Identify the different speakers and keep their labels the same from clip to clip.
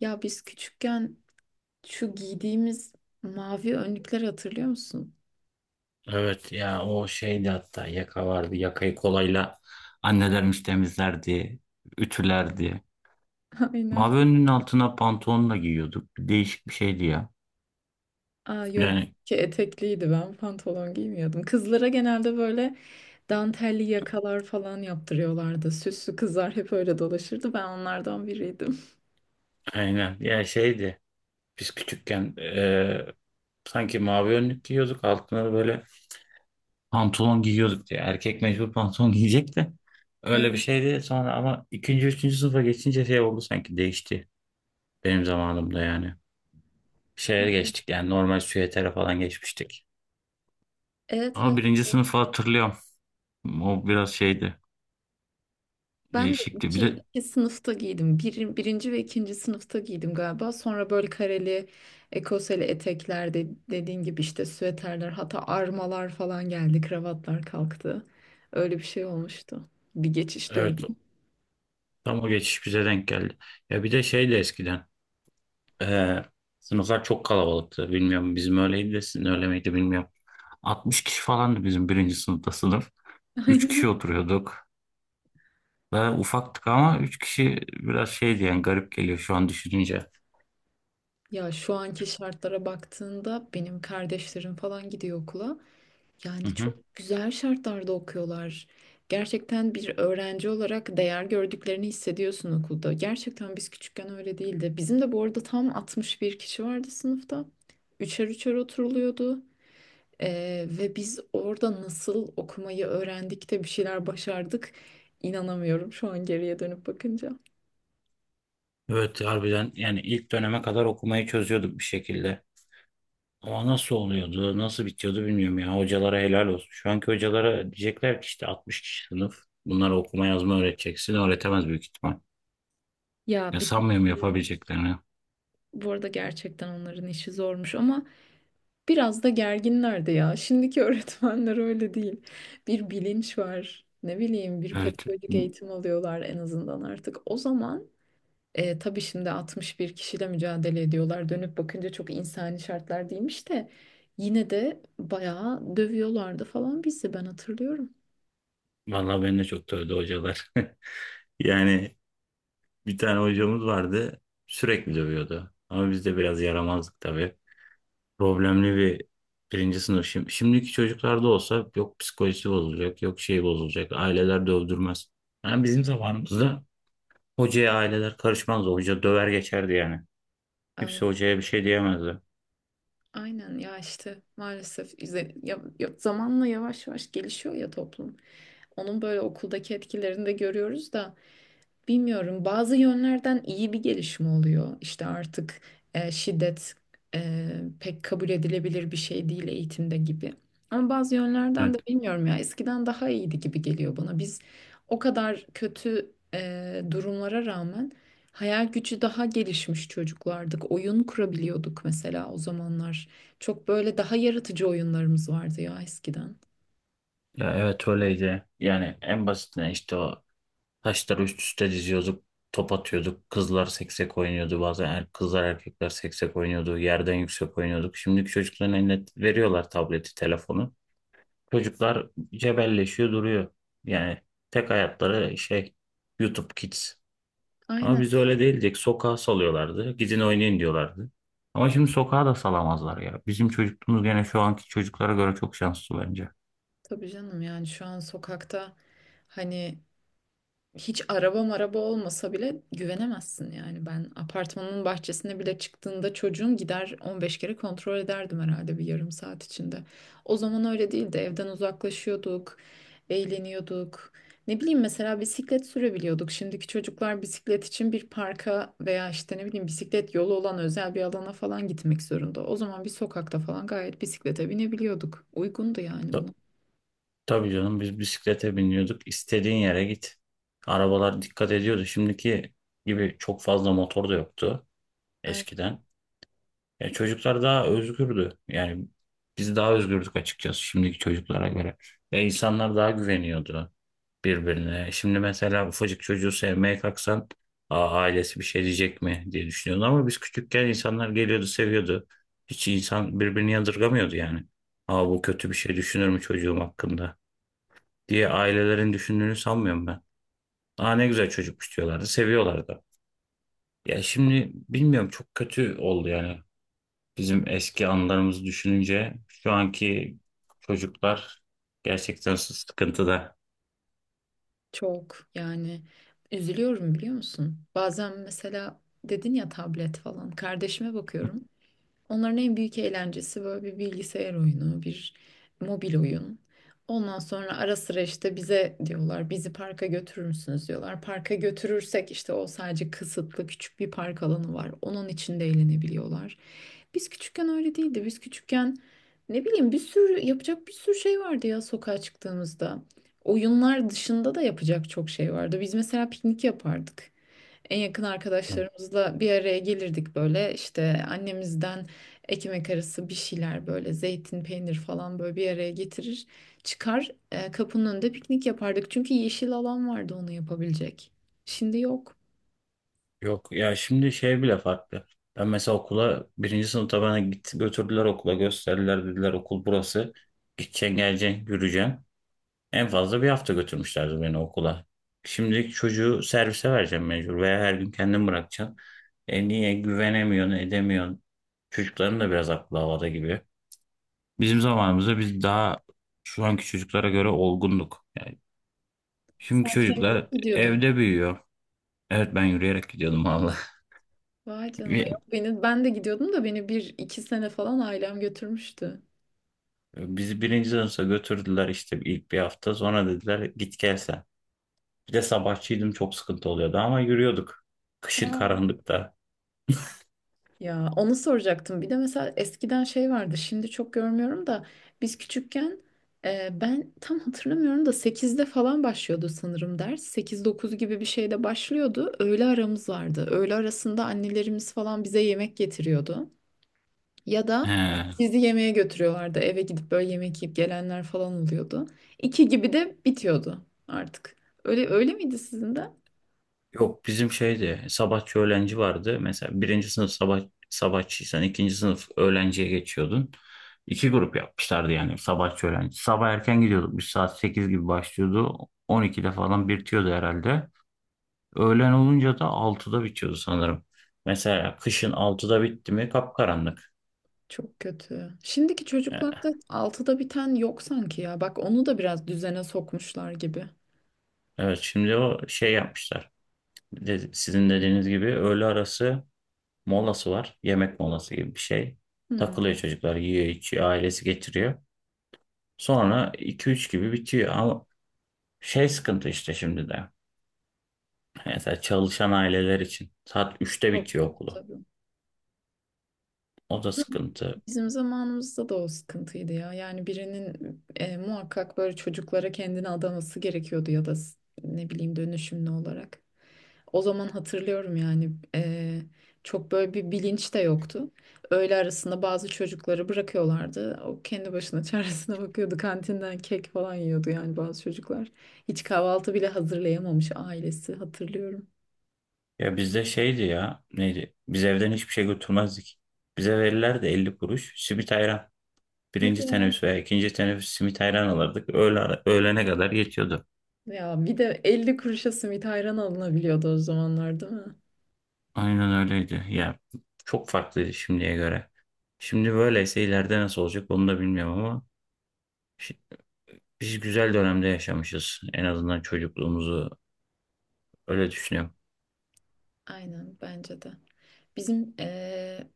Speaker 1: Ya biz küçükken şu giydiğimiz mavi önlükleri hatırlıyor musun?
Speaker 2: Evet ya o şeydi, hatta yaka vardı. Yakayı kolayla annelerimiz temizlerdi, ütülerdi.
Speaker 1: Aynen.
Speaker 2: Mavi önlüğün altına pantolonla giyiyorduk. Değişik bir şeydi ya.
Speaker 1: Aa yok
Speaker 2: Yani
Speaker 1: ki etekliydi, ben pantolon giymiyordum. Kızlara genelde böyle dantelli yakalar falan yaptırıyorlardı. Süslü kızlar hep öyle dolaşırdı. Ben onlardan biriydim.
Speaker 2: aynen ya şeydi. Biz küçükken sanki mavi önlük giyiyorduk. Altına da böyle pantolon giyiyorduk diye. Erkek mecbur pantolon giyecek de. Öyle bir
Speaker 1: Evet.
Speaker 2: şeydi. Sonra ama ikinci, üçüncü sınıfa geçince şey oldu, sanki değişti. Benim zamanımda yani. Şeye geçtik, yani normal süvetere falan geçmiştik. Ama
Speaker 1: Evet.
Speaker 2: birinci sınıfı hatırlıyorum. O biraz şeydi.
Speaker 1: Ben de
Speaker 2: Değişikti. Bir
Speaker 1: iki,
Speaker 2: de
Speaker 1: iki sınıfta giydim. Birinci ve ikinci sınıfta giydim galiba. Sonra böyle kareli, ekoseli etekler de, dediğin gibi işte süveterler, hatta armalar falan geldi. Kravatlar kalktı. Öyle bir şey olmuştu. Bir geçiş dönemi.
Speaker 2: evet, tam o geçiş bize denk geldi. Ya bir de şey de eskiden. eee, Sınıflar çok kalabalıktı. Bilmiyorum, bizim öyleydi de sizin öyle miydi bilmiyorum. 60 kişi falandı bizim birinci sınıfta sınıf. 3 kişi
Speaker 1: Aynen.
Speaker 2: oturuyorduk. Ve ufaktık ama 3 kişi biraz şeydi, yani garip geliyor şu an düşününce.
Speaker 1: Ya şu anki şartlara baktığında benim kardeşlerim falan gidiyor okula.
Speaker 2: Hı
Speaker 1: Yani
Speaker 2: hı.
Speaker 1: çok güzel şartlarda okuyorlar. Gerçekten bir öğrenci olarak değer gördüklerini hissediyorsun okulda. Gerçekten biz küçükken öyle değildi. Bizim de bu arada tam 61 kişi vardı sınıfta. Üçer üçer oturuluyordu. Ve biz orada nasıl okumayı öğrendik de bir şeyler başardık. İnanamıyorum şu an geriye dönüp bakınca.
Speaker 2: Evet, harbiden yani ilk döneme kadar okumayı çözüyorduk bir şekilde. Ama nasıl oluyordu, nasıl bitiyordu bilmiyorum ya. Hocalara helal olsun. Şu anki hocalara diyecekler ki işte 60 kişi sınıf. Bunlara okuma yazma öğreteceksin. Öğretemez büyük ihtimal.
Speaker 1: Ya
Speaker 2: Ya
Speaker 1: bir de
Speaker 2: sanmıyorum
Speaker 1: şimdi
Speaker 2: yapabileceklerini.
Speaker 1: bu arada gerçekten onların işi zormuş ama biraz da gerginler de ya. Şimdiki öğretmenler öyle değil. Bir bilinç var. Ne bileyim, bir
Speaker 2: Evet.
Speaker 1: pedagojik eğitim alıyorlar en azından artık. O zaman tabii şimdi 61 kişiyle mücadele ediyorlar. Dönüp bakınca çok insani şartlar değilmiş de yine de bayağı dövüyorlardı falan bizi, ben hatırlıyorum.
Speaker 2: Vallahi beni de çok dövdü hocalar. Yani bir tane hocamız vardı. Sürekli dövüyordu. Ama biz de biraz yaramazdık tabii. Problemli bir birinci sınıf. Şimdiki çocuklarda olsa yok psikolojisi bozulacak, yok şey bozulacak. Aileler dövdürmez. Yani bizim zamanımızda hocaya aileler karışmazdı. Hoca döver geçerdi yani. Kimse
Speaker 1: Aynen,
Speaker 2: hocaya bir şey diyemezdi.
Speaker 1: aynen ya işte maalesef zamanla yavaş yavaş gelişiyor ya toplum. Onun böyle okuldaki etkilerini de görüyoruz da bilmiyorum, bazı yönlerden iyi bir gelişme oluyor. İşte artık şiddet pek kabul edilebilir bir şey değil eğitimde gibi. Ama bazı yönlerden
Speaker 2: Evet.
Speaker 1: de bilmiyorum ya, eskiden daha iyiydi gibi geliyor bana. Biz o kadar kötü durumlara rağmen hayal gücü daha gelişmiş çocuklardık. Oyun kurabiliyorduk mesela o zamanlar. Çok böyle daha yaratıcı oyunlarımız vardı ya eskiden.
Speaker 2: Ya evet öyleydi. Yani en basitinden işte o taşları üst üste diziyorduk. Top atıyorduk. Kızlar seksek oynuyordu. Bazen kızlar erkekler seksek oynuyordu. Yerden yüksek oynuyorduk. Şimdiki çocukların eline veriyorlar tableti, telefonu. Çocuklar cebelleşiyor duruyor. Yani tek hayatları şey, YouTube Kids. Ama
Speaker 1: Aynen,
Speaker 2: biz öyle değildik. Sokağa salıyorlardı. Gidin oynayın diyorlardı. Ama şimdi sokağa da salamazlar ya. Bizim çocukluğumuz gene şu anki çocuklara göre çok şanslı bence.
Speaker 1: tabii canım, yani şu an sokakta hani... Hiç araba maraba olmasa bile güvenemezsin yani. Ben apartmanın bahçesine bile çıktığında çocuğum gider 15 kere kontrol ederdim herhalde bir yarım saat içinde. O zaman öyle değildi. Evden uzaklaşıyorduk, eğleniyorduk. Ne bileyim mesela bisiklet sürebiliyorduk. Şimdiki çocuklar bisiklet için bir parka veya işte ne bileyim bisiklet yolu olan özel bir alana falan gitmek zorunda. O zaman bir sokakta falan gayet bisiklete binebiliyorduk. Uygundu yani buna.
Speaker 2: Ta- tabii canım, biz bisiklete biniyorduk. İstediğin yere git. Arabalar dikkat ediyordu. Şimdiki gibi çok fazla motor da yoktu eskiden. Ya çocuklar daha özgürdü. Yani biz daha özgürdük açıkçası şimdiki çocuklara göre. Ve insanlar daha güveniyordu birbirine. Şimdi mesela ufacık çocuğu sevmeye kalksan, aa, ailesi bir şey diyecek mi diye düşünüyordu. Ama biz küçükken insanlar geliyordu, seviyordu. Hiç insan birbirini yadırgamıyordu yani. Aa, bu kötü bir şey düşünür mü çocuğum hakkında diye ailelerin düşündüğünü sanmıyorum ben. Aa, ne güzel çocukmuş diyorlardı, seviyorlardı. Ya şimdi bilmiyorum, çok kötü oldu yani. Bizim eski anılarımızı düşününce şu anki çocuklar gerçekten sıkıntıda.
Speaker 1: Çok yani üzülüyorum biliyor musun? Bazen mesela dedin ya tablet falan. Kardeşime bakıyorum. Onların en büyük eğlencesi böyle bir bilgisayar oyunu, bir mobil oyun. Ondan sonra ara sıra işte bize diyorlar, bizi parka götürür müsünüz diyorlar. Parka götürürsek işte o sadece kısıtlı küçük bir park alanı var. Onun içinde eğlenebiliyorlar. Biz küçükken öyle değildi. Biz küçükken ne bileyim bir sürü yapacak bir sürü şey vardı ya sokağa çıktığımızda. Oyunlar dışında da yapacak çok şey vardı. Biz mesela piknik yapardık. En yakın arkadaşlarımızla bir araya gelirdik, böyle işte annemizden ekmek arası bir şeyler, böyle zeytin peynir falan, böyle bir araya getirir çıkar, kapının önünde piknik yapardık çünkü yeşil alan vardı onu yapabilecek. Şimdi yok.
Speaker 2: Yok ya, şimdi şey bile farklı. Ben mesela okula birinci sınıfta bana git, götürdüler okula, gösterdiler, dediler okul burası. Gideceksin, geleceksin, yürüyeceksin. En fazla bir hafta götürmüşlerdi beni okula. Şimdi çocuğu servise vereceğim mecbur, veya her gün kendin bırakacaksın. E niye güvenemiyorsun, edemiyorsun. Çocukların da biraz aklı havada gibi. Bizim zamanımızda biz daha şu anki çocuklara göre olgunduk. Yani
Speaker 1: Sen
Speaker 2: şimdiki
Speaker 1: kendin mi
Speaker 2: çocuklar
Speaker 1: gidiyordun?
Speaker 2: evde büyüyor. Evet, ben yürüyerek gidiyordum valla.
Speaker 1: Vay canına,
Speaker 2: Bir-
Speaker 1: yok beni, ben de gidiyordum da beni bir iki sene falan ailem götürmüştü.
Speaker 2: Bizi birinci sınıfa götürdüler işte ilk bir hafta. Sonra dediler git gel sen. Bir de sabahçıydım, çok sıkıntı oluyordu ama yürüyorduk. Kışın
Speaker 1: Ha,
Speaker 2: karanlıkta.
Speaker 1: ya onu soracaktım. Bir de mesela eskiden şey vardı. Şimdi çok görmüyorum da biz küçükken ben tam hatırlamıyorum da 8'de falan başlıyordu sanırım ders. 8 9 gibi bir şeyde başlıyordu. Öğle aramız vardı. Öğle arasında annelerimiz falan bize yemek getiriyordu. Ya
Speaker 2: He.
Speaker 1: da bizi yemeğe götürüyorlardı. Eve gidip böyle yemek yiyip gelenler falan oluyordu. 2 gibi de bitiyordu artık. Öyle, öyle miydi sizin de?
Speaker 2: Yok, bizim şeydi, sabahçı öğlenci vardı. Mesela birinci sınıf sabah, sabahçıysan ikinci sınıf öğlenciye geçiyordun. İki grup yapmışlardı yani, sabahçı öğlenci. Sabah erken gidiyorduk, biz saat 8 gibi başlıyordu. 12'de falan bitiyordu herhalde. Öğlen olunca da 6'da bitiyordu sanırım. Mesela kışın 6'da bitti mi kapkaranlık.
Speaker 1: Çok kötü. Şimdiki
Speaker 2: E,
Speaker 1: çocuklarda 6'da biten yok sanki ya. Bak onu da biraz düzene sokmuşlar gibi.
Speaker 2: Evet, şimdi o şey yapmışlar. Sizin dediğiniz gibi öğle arası molası var. Yemek molası gibi bir şey.
Speaker 1: Hı,
Speaker 2: Takılıyor çocuklar, yiyor içiyor, ailesi getiriyor. Sonra 2-3 gibi bitiyor ama şey, sıkıntı işte şimdi de. Mesela çalışan aileler için saat 3'te
Speaker 1: çok
Speaker 2: bitiyor
Speaker 1: kötü
Speaker 2: okulu.
Speaker 1: tabii.
Speaker 2: O da
Speaker 1: Hı,
Speaker 2: sıkıntı.
Speaker 1: bizim zamanımızda da o sıkıntıydı ya. Yani birinin muhakkak böyle çocuklara kendini adaması gerekiyordu ya da ne bileyim dönüşümlü olarak. O zaman hatırlıyorum yani çok böyle bir bilinç de yoktu. Öğle arasında bazı çocukları bırakıyorlardı. O kendi başına çaresine bakıyordu. Kantinden kek falan yiyordu yani bazı çocuklar. Hiç kahvaltı bile hazırlayamamış ailesi, hatırlıyorum.
Speaker 2: Ya bizde şeydi ya, neydi? Biz evden hiçbir şey götürmezdik. Bize verirlerdi 50 kuruş simit ayran.
Speaker 1: Hadi
Speaker 2: Birinci
Speaker 1: ya.
Speaker 2: teneffüs veya ikinci teneffüs simit ayran alırdık. Öğlene kadar yetiyordu.
Speaker 1: Ya bir de 50 kuruşa simit ayran alınabiliyordu o zamanlar, değil mi?
Speaker 2: Aynen öyleydi. Ya çok farklıydı şimdiye göre. Şimdi böyleyse ileride nasıl olacak onu da bilmiyorum ama şi- biz güzel dönemde yaşamışız. En azından çocukluğumuzu öyle düşünüyorum.
Speaker 1: Aynen, bence de. Bizim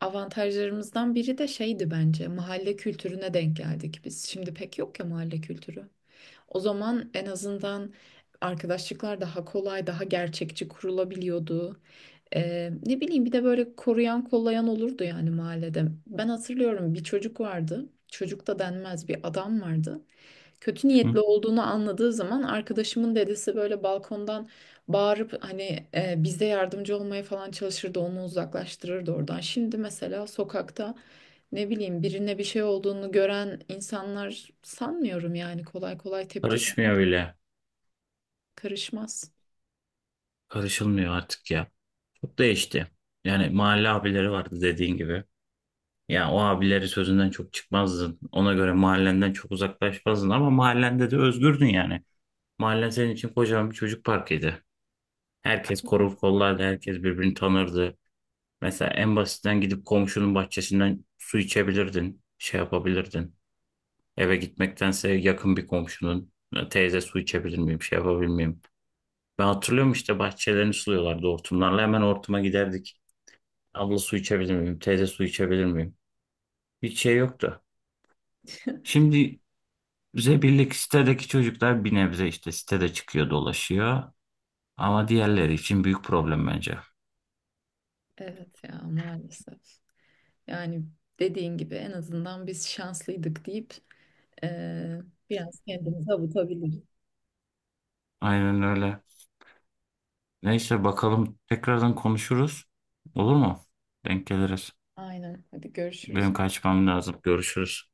Speaker 1: avantajlarımızdan biri de şeydi bence, mahalle kültürüne denk geldik biz. Şimdi pek yok ya mahalle kültürü. O zaman en azından arkadaşlıklar daha kolay, daha gerçekçi kurulabiliyordu. Ne bileyim, bir de böyle koruyan kollayan olurdu yani mahallede. Ben hatırlıyorum, bir çocuk vardı. Çocuk da denmez, bir adam vardı. Kötü
Speaker 2: Hı?
Speaker 1: niyetli olduğunu anladığı zaman arkadaşımın dedesi böyle balkondan bağırıp hani bize yardımcı olmaya falan çalışırdı. Onu uzaklaştırırdı oradan. Şimdi mesela sokakta ne bileyim birine bir şey olduğunu gören insanlar sanmıyorum yani kolay kolay tepki.
Speaker 2: Karışmıyor bile.
Speaker 1: Karışmaz.
Speaker 2: Karışılmıyor artık ya. Çok değişti. Yani mahalle abileri vardı dediğin gibi. Yani o abileri sözünden çok çıkmazdın. Ona göre mahallenden çok uzaklaşmazdın ama mahallende de özgürdün yani. Mahallen senin için kocaman bir çocuk parkıydı. Herkes korur kollardı, herkes birbirini tanırdı. Mesela en basitten gidip komşunun bahçesinden su içebilirdin, şey yapabilirdin. Eve gitmektense yakın bir komşunun, teyze su içebilir miyim, şey yapabilir miyim? Ben hatırlıyorum işte bahçelerini suluyorlardı hortumlarla. Hemen hortuma giderdik. Abla su içebilir miyim? Teyze su içebilir miyim? Hiç şey yoktu. Şimdi bize birlik sitedeki çocuklar bir nebze işte sitede çıkıyor dolaşıyor. Ama diğerleri için büyük problem bence.
Speaker 1: Evet ya, maalesef. Yani dediğin gibi en azından biz şanslıydık deyip eee, biraz kendimizi avutabiliriz.
Speaker 2: Aynen öyle. Neyse, bakalım tekrardan konuşuruz. Olur mu? Denk geliriz.
Speaker 1: Aynen. Hadi görüşürüz.
Speaker 2: Benim kaçmam lazım. Görüşürüz.